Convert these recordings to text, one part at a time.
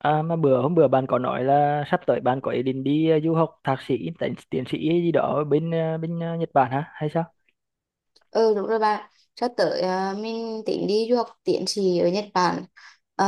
À, mà bữa hôm bữa bạn có nói là sắp tới bạn có ý định đi du học thạc sĩ, tiến sĩ gì đó ở bên bên Nhật Bản hả hay sao? Ừ đúng rồi bạn. Sắp tới mình tính đi du học tiến sĩ ở Nhật Bản. Ờ,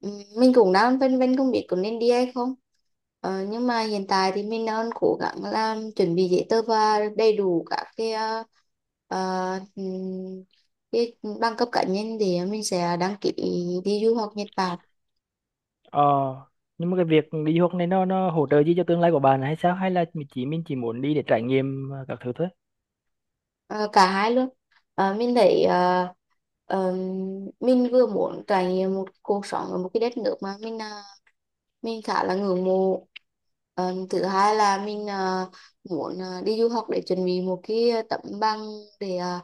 ừm, mình cũng đang phân vân không biết có nên đi hay không. Nhưng mà hiện tại thì mình đang cố gắng làm chuẩn bị giấy tờ và đầy đủ các ờ, ừm, cái bằng cấp cá nhân thì mình sẽ đăng ký đi du học Nhật Bản. Ờ, nhưng mà cái việc đi du học này nó hỗ trợ gì cho tương lai của bạn hay sao? Hay là mình chỉ muốn đi để trải nghiệm các thứ thôi? Ờ, Cả hai luôn. Mình thấy ờm, mình vừa muốn trải nghiệm một cuộc sống ở một cái đất nước mà mình khá là ngưỡng mộ. Thứ hai là muốn đi du học để chuẩn bị một cái tấm bằng để ờ,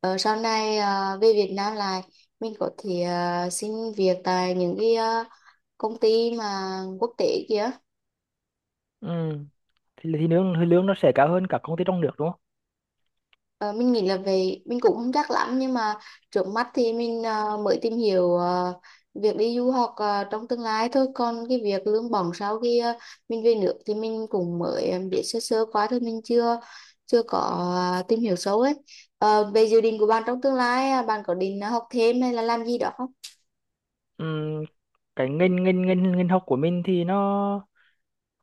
ờ, sau này về Việt Nam lại mình có thể xin việc tại những cái công ty mà quốc tế kia. Ừ, thì lương nó sẽ cao hơn các công ty trong nước đúng không? Ờ, mình nghĩ là về mình cũng không chắc lắm nhưng mà trước mắt thì mới tìm hiểu việc đi du học trong tương lai thôi, còn cái việc lương bổng sau khi mình về nước thì mình cũng mới biết sơ sơ quá thôi, mình chưa chưa có tìm hiểu sâu ấy. Về dự định của bạn trong tương lai bạn có định học thêm hay là làm gì đó không? Ừ, cái ngành ngành ngành ngành học của mình thì nó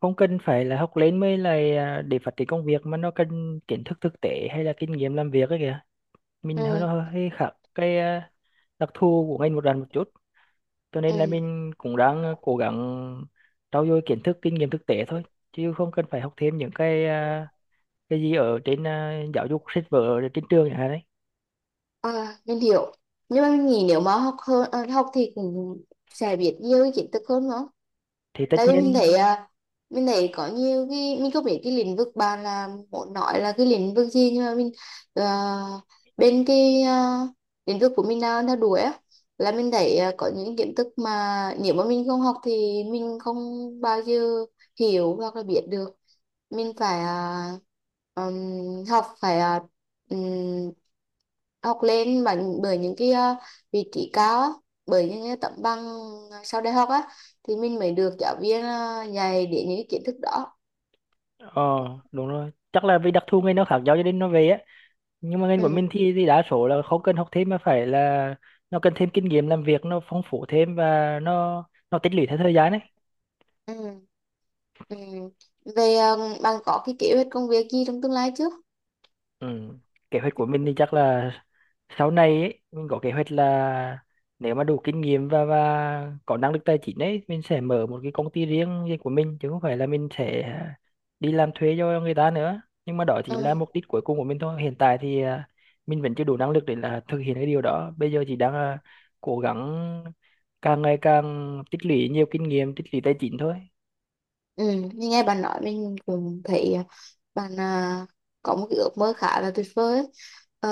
không cần phải là học lên mới là à, để phát triển công việc mà nó cần kiến thức thực tế hay là kinh nghiệm làm việc ấy kìa. Mình hơi Ừ. nó hơi khác cái đặc thù của ngành một lần một chút, cho nên là Ừ. mình cũng đang cố gắng trau dồi kiến thức kinh nghiệm thực tế thôi, chứ không cần phải học thêm những cái cái gì ở trên giáo dục sách vở ở trên trường chẳng hạn đấy. Ờ, mình hiểu, nhưng mà mình nghĩ nếu mà học hơn học thì cũng sẽ biết nhiều kiến thức hơn nữa. Thì tất Tại vì mình nhiên, thấy à, mình thấy có nhiều cái mình không biết, cái lĩnh vực bạn là muốn nói là cái lĩnh vực gì nhưng mà à, bên lĩnh vực của mình đang theo đuổi á là mình thấy có những kiến thức mà nếu mà mình không học thì mình không bao giờ hiểu hoặc là biết được. Mình phải học, phải ừm, học lên bằng, bởi những cái vị trí cao á, bởi những cái tấm bằng sau đại học á thì mình mới được giáo viên dạy đến những cái kiến thức đó. ờ đúng rồi, chắc là vì đặc thù ngành nó khác nhau cho nên nó về á, nhưng mà ngành của mình Ừ. thì đa số là không cần học thêm mà phải là nó cần thêm kinh nghiệm làm việc nó phong phú thêm và nó tích lũy theo thời gian đấy. Ừ. Ừ. Về bạn có cái kế hoạch công việc gì trong tương lai chứ? Ừ. Kế hoạch của mình thì chắc là sau này ấy, mình có kế hoạch là nếu mà đủ kinh nghiệm và có năng lực tài chính ấy, mình sẽ mở một cái công ty riêng riêng của mình chứ không phải là mình sẽ đi làm thuê cho người ta nữa, nhưng mà đó chỉ Ừ. là mục đích cuối cùng của mình thôi. Hiện tại thì à, mình vẫn chưa đủ năng lực để là thực hiện cái điều đó, bây giờ chỉ đang à, cố gắng càng ngày càng tích lũy nhiều kinh nghiệm tích lũy tài chính thôi. Ừ. Như nghe bạn nói mình cũng thấy bạn có một cái ước mơ khá là tuyệt vời ấy. Ờ,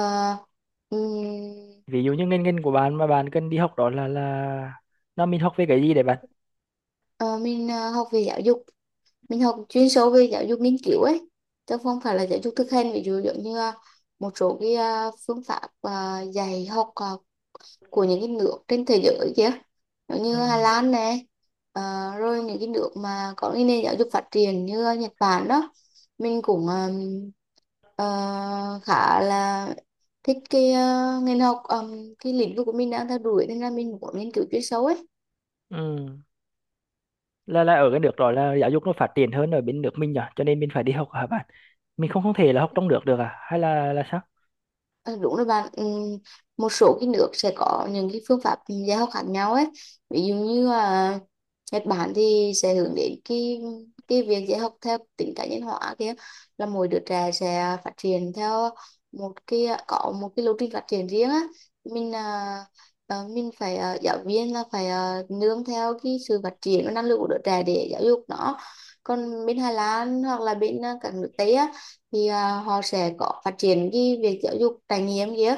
ừm, Ví dụ như ngành ngành của bạn mà bạn cần đi học đó là nó mình học về cái gì để bạn. Ờ, mình học về giáo dục, mình học chuyên sâu về giáo dục nghiên cứu ấy, chứ không phải là giáo dục thực hành. Ví dụ giống như một số cái phương pháp dạy học của những cái nước trên thế giới kia, giống Ừ. như Hà Lan này, ờ, rồi những cái nước mà có cái nền giáo dục phát triển như Nhật Bản đó, mình cũng ờ, khá là thích cái ngành học, cái lĩnh vực của mình đang theo đuổi, nên là mình muốn nghiên cứu chuyên sâu ấy. Ừ. Là ở cái nước đó là giáo dục nó phát triển hơn ở bên nước mình nhỉ, cho nên mình phải đi học hả bạn? Mình không không thể là học trong nước được à? Hay là sao? Ờ, đúng rồi bạn. Ừ, một số cái nước sẽ có những cái phương pháp dạy học khác nhau ấy. Ví dụ như là Nhật Bản thì sẽ hướng đến cái việc dạy học theo tính cá nhân hóa kia, là mỗi đứa trẻ sẽ phát triển theo một cái có một cái lộ trình phát triển riêng á. Mình à, ờ, mình phải giáo viên là phải nương theo cái sự phát triển và năng lực của đứa trẻ để giáo dục nó. Còn bên Hà Lan hoặc là bên các nước Tây á thì họ sẽ có phát triển cái việc giáo dục trải nghiệm kia.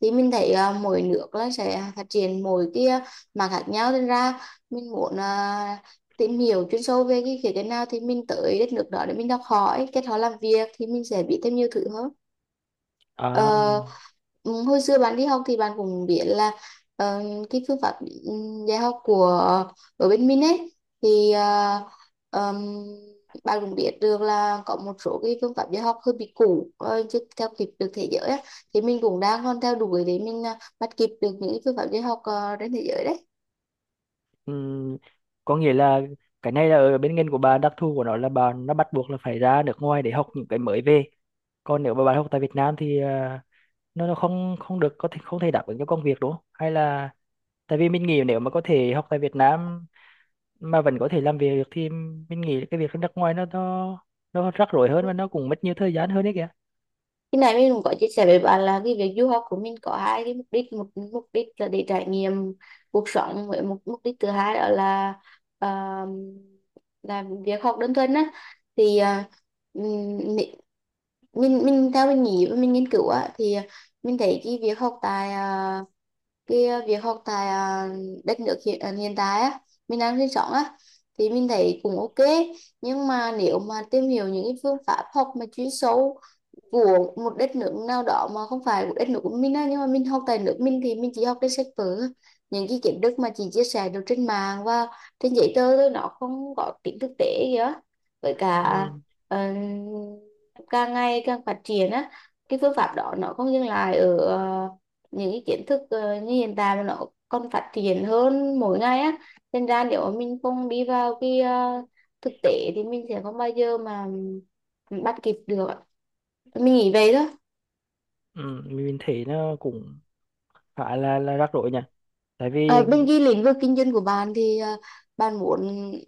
Thì mình thấy mỗi nước là sẽ phát triển mỗi cái mặt khác nhau, nên ra mình muốn tìm hiểu chuyên sâu về cái khía cạnh nào thì mình tới đất nước đó để mình học hỏi, kết họ làm việc thì mình sẽ biết thêm nhiều thứ hơn. À, Ờ, ừ, Hồi xưa bạn đi học thì bạn cũng biết là ờ, cái phương pháp ừ, dạy học của ở bên mình ấy thì ờm, bạn cũng biết được là có một số cái phương pháp dạy học hơi bị cũ, chưa theo kịp được thế giới á, thì mình cũng đang còn theo đuổi để bắt kịp được những cái phương pháp dạy học trên thế giới đấy. ừm, có nghĩa là cái này là ở bên ngành của bà, đặc thù của nó là bà nó bắt buộc là phải ra nước ngoài để học những cái mới về. Còn nếu mà bạn học tại Việt Nam thì à, nó không không được, có thể không thể đáp ứng cho công việc đúng không? Hay là tại vì mình nghĩ nếu mà có thể học tại Việt Nam mà vẫn có thể làm việc được thì mình nghĩ cái việc ở nước ngoài nó rắc rối hơn và nó cũng mất nhiều thời gian hơn đấy kìa. Khi nãy mình cũng có chia sẻ với bạn là cái việc du học của mình có hai cái mục đích. Một mục đích là để trải nghiệm cuộc sống, với một mục đích thứ hai đó uh, là việc học đơn thuần á. Thì ừm, mi- mình theo mình nghĩ và mình nghiên cứu á thì mình thấy cái việc học tại đất nước hiện tại á, mình đang sinh sống á, thì mình thấy cũng ok. Nhưng mà nếu mà tìm hiểu những cái phương pháp học mà chuyên sâu của một đất nước nào đó mà không phải của đất nước của mình á, nhưng mà mình học tại nước mình thì mình chỉ học trên sách vở, những cái kiến thức mà chị chia sẻ được trên mạng và trên giấy tờ thôi, nó không có tính thực tế kìa. Với cả ừ, ờ, càng ngày càng phát triển á, cái phương pháp đó nó không dừng lại ở những cái kiến thức như hiện tại, mà nó còn phát triển hơn mỗi ngày á, nên ra nếu mà mình không đi vào cái thực tế thì mình sẽ không bao giờ mà bắt kịp được ạ. Mình nghĩ vậy đó. ừ, mình thấy nó cũng khá là rắc rối nhỉ, tại vì Bên cái lĩnh vực kinh doanh của bạn thì bạn muốn,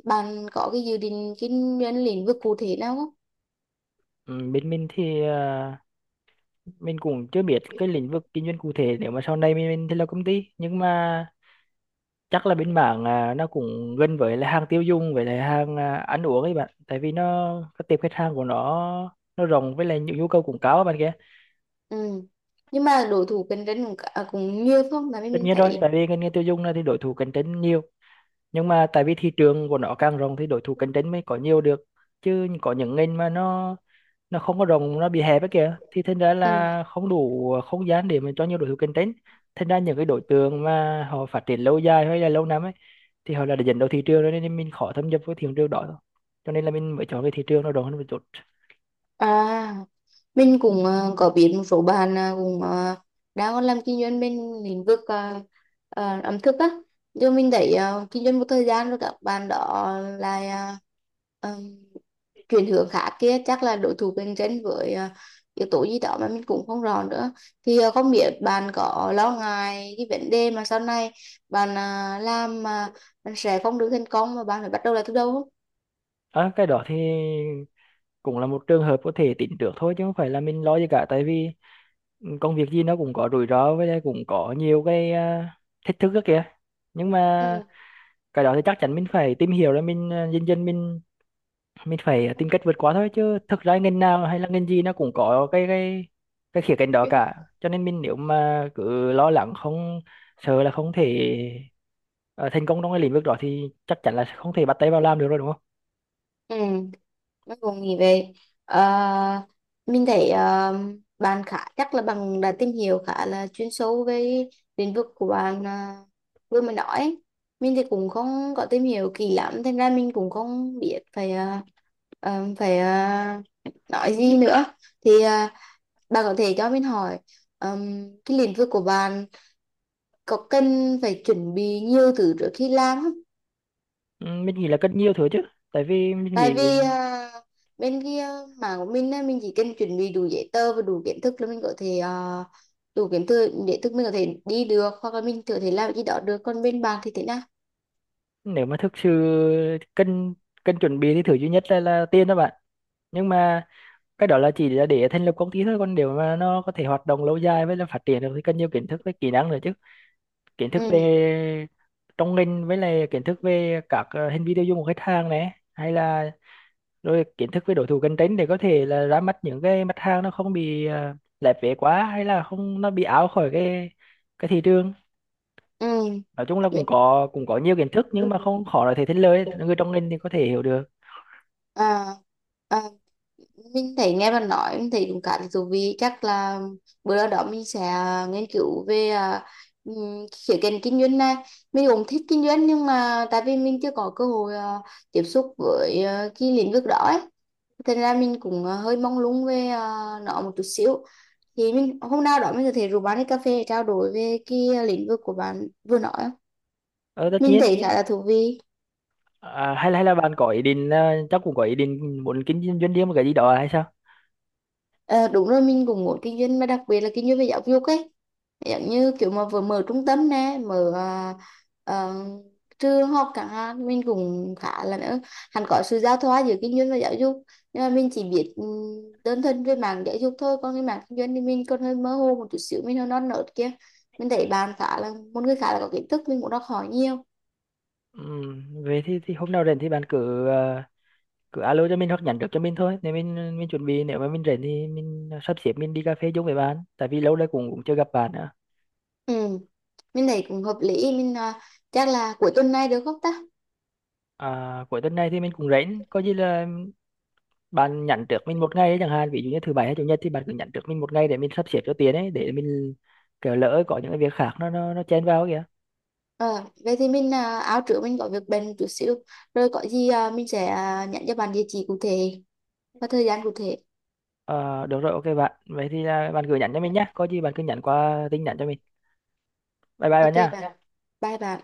bạn có cái dự định kinh doanh lĩnh vực cụ thể nào không? ừ, bên mình thì à, mình cũng chưa biết cái lĩnh vực kinh doanh cụ thể, nếu mà sau này mình thì là công ty, nhưng mà chắc là bên mảng à, nó cũng gần với là hàng tiêu dùng với lại hàng à, ăn uống ấy bạn, tại vì nó các tiệm khách hàng của nó rộng với lại những nhu cầu cũng cao á bạn kia. Ừ. Nhưng mà đối thủ cạnh tranh cũng nhiều phải không mà mình Tất mình nhiên rồi, thấy? tại vì ngành nghề tiêu dùng này thì đối thủ cạnh tranh nhiều, nhưng mà tại vì thị trường của nó càng rộng thì đối thủ cạnh tranh mới có nhiều được, chứ có những ngành mà nó không có rộng, nó bị hẹp ấy kìa, thì thành ra Ừ. là không đủ không gian để mà cho nhiều đối thủ cạnh tranh. Thành ra những cái đối tượng mà họ phát triển lâu dài hay là lâu năm ấy thì họ là đã dẫn đầu thị trường rồi nên mình khó thâm nhập với thị trường đó thôi. Cho nên là mình mới chọn cái thị trường nó rộng hơn một chút. à mình cũng có biết một số bạn cũng đang làm kinh doanh bên lĩnh vực ẩm thực á, nhưng mình thấy kinh doanh một thời gian rồi các bạn đó là chuyển hướng khác kia, chắc là đối thủ cạnh tranh với yếu tố gì đó mà mình cũng không rõ nữa. Thì không biết bạn có lo ngại cái vấn đề mà sau này làm mà bạn sẽ không được thành công mà bạn phải bắt đầu lại từ đầu không? À, cái đó thì cũng là một trường hợp có thể tính trước thôi, chứ không phải là mình lo gì cả, tại vì công việc gì nó cũng có rủi ro với lại cũng có nhiều cái à, thách thức đó kìa. Nhưng mà Ừ. cái đó thì chắc chắn mình phải tìm hiểu rồi mình à, dần dần mình phải tìm cách vượt qua thôi, chứ thực ra ngành nào hay là ngành gì nó cũng có cái khía cạnh đó cả. Cho nên mình nếu mà cứ lo lắng không, sợ là không thể ờ, thành công trong cái lĩnh vực đó thì chắc chắn là không thể bắt tay vào làm được rồi đúng không. Ừ. Bác cùng nghĩ về. Ờ, mình thấy bạn khá chắc là bạn đã tìm hiểu khá là chuyên sâu về lĩnh vực của bạn vừa mới nói ấy. Mình thì cũng không có tìm hiểu kỹ lắm, thành ra mình cũng không biết phải ờ, phải ờ, nói gì nữa. Thì bạn có thể cho mình hỏi cái lĩnh vực của bạn có cần phải chuẩn bị nhiều thứ trước khi làm không? Ừ, mình nghĩ là rất nhiều thứ chứ, tại vì mình Tại vì nghĩ bên kia mảng của mình á, mình chỉ cần chuẩn bị đủ giấy tờ và đủ kiến thức là mình có thể đủ kiến thức để thức mình có thể đi được, hoặc là mình có thể làm gì đó được, còn bên bạn thì thế nào? nếu mà thực sự cần cần chuẩn bị thì thứ duy nhất là tiền đó bạn. Nhưng mà cái đó là chỉ là để thành lập công ty thôi, còn nếu mà nó có thể hoạt động lâu dài với là phát triển được thì cần nhiều kiến thức với kỹ năng nữa chứ. Kiến thức Ừ. về trong ngành với lại kiến thức về các hành vi tiêu dùng của khách hàng này hay là rồi kiến thức về đối thủ cạnh tranh để có thể là ra mắt những cái mặt hàng nó không bị lép vế quá hay là không nó bị out khỏi cái thị trường. Ừ. Nói chung là cũng có nhiều kiến thức nhưng mà không khó để thể thành lời, người trong ngành thì có thể hiểu được. à, à, mình thấy nghe bạn nói mình thấy cũng khá là thú vị. Chắc là bữa nào đó mình sẽ nghiên cứu về khía cạnh kinh doanh này. Mình cũng thích kinh doanh nhưng mà tại vì mình chưa có cơ hội tiếp xúc với cái lĩnh vực đó ấy. Thế nên là mình cũng hơi mong lung về nó một chút xíu. Thì mình hôm nào đó mình có thể rủ bạn đi cà phê để trao đổi về cái lĩnh vực của bạn vừa nói á. Ờ, tất Mình nhiên. thấy khá là thú vị. À, hay là bạn có ý định chắc cũng có ý định muốn kinh doanh doanh riêng một cái gì đó hay sao? Ờ, đúng rồi, mình cũng muốn kinh doanh, mà đặc biệt là kinh doanh về giáo dục ấy, giống như kiểu mà vừa mở trung tâm nè, mở ờ, trường học chẳng hạn. Mình cũng khá là nữa, hẳn có sự giao thoa giữa kinh doanh và giáo dục, nhưng mà mình chỉ biết đơn thuần về mảng giáo dục thôi, còn cái mảng kinh doanh thì mình còn hơi mơ hồ một chút xíu, mình hơi non nớt kia. Mình thấy bạn khá là một người khá là có kiến thức, mình cũng đọc hỏi nhiều. Về thì hôm nào rảnh thì bạn cứ cứ alo cho mình hoặc nhắn trước cho mình thôi. Nếu mình chuẩn bị, nếu mà mình rảnh thì mình sắp xếp mình đi cà phê chung với bạn. Tại vì lâu nay cũng cũng chưa gặp bạn nữa. Ừ, mình thấy cũng hợp lý. Mình chắc là cuối tuần này được không ta? À, cuối tuần này thì mình cũng rảnh. Có gì là bạn nhắn trước mình một ngày ấy, chẳng hạn ví dụ như thứ bảy hay chủ nhật thì bạn cứ nhắn trước mình một ngày để mình sắp xếp cho tiền ấy, để mình kiểu lỡ có những cái việc khác nó chen vào kìa. Ờ, Vậy thì mình áo trước, mình có việc bận một chút xíu, rồi có gì mình sẽ nhắn cho bạn địa chỉ cụ thể và thời gian cụ thể. Ờ, được rồi, ok bạn. Vậy thì à, bạn gửi nhắn cho mình nhé. Có gì bạn cứ nhắn qua tin nhắn cho mình. Bye bye Ok bạn nha bạn, bye bạn.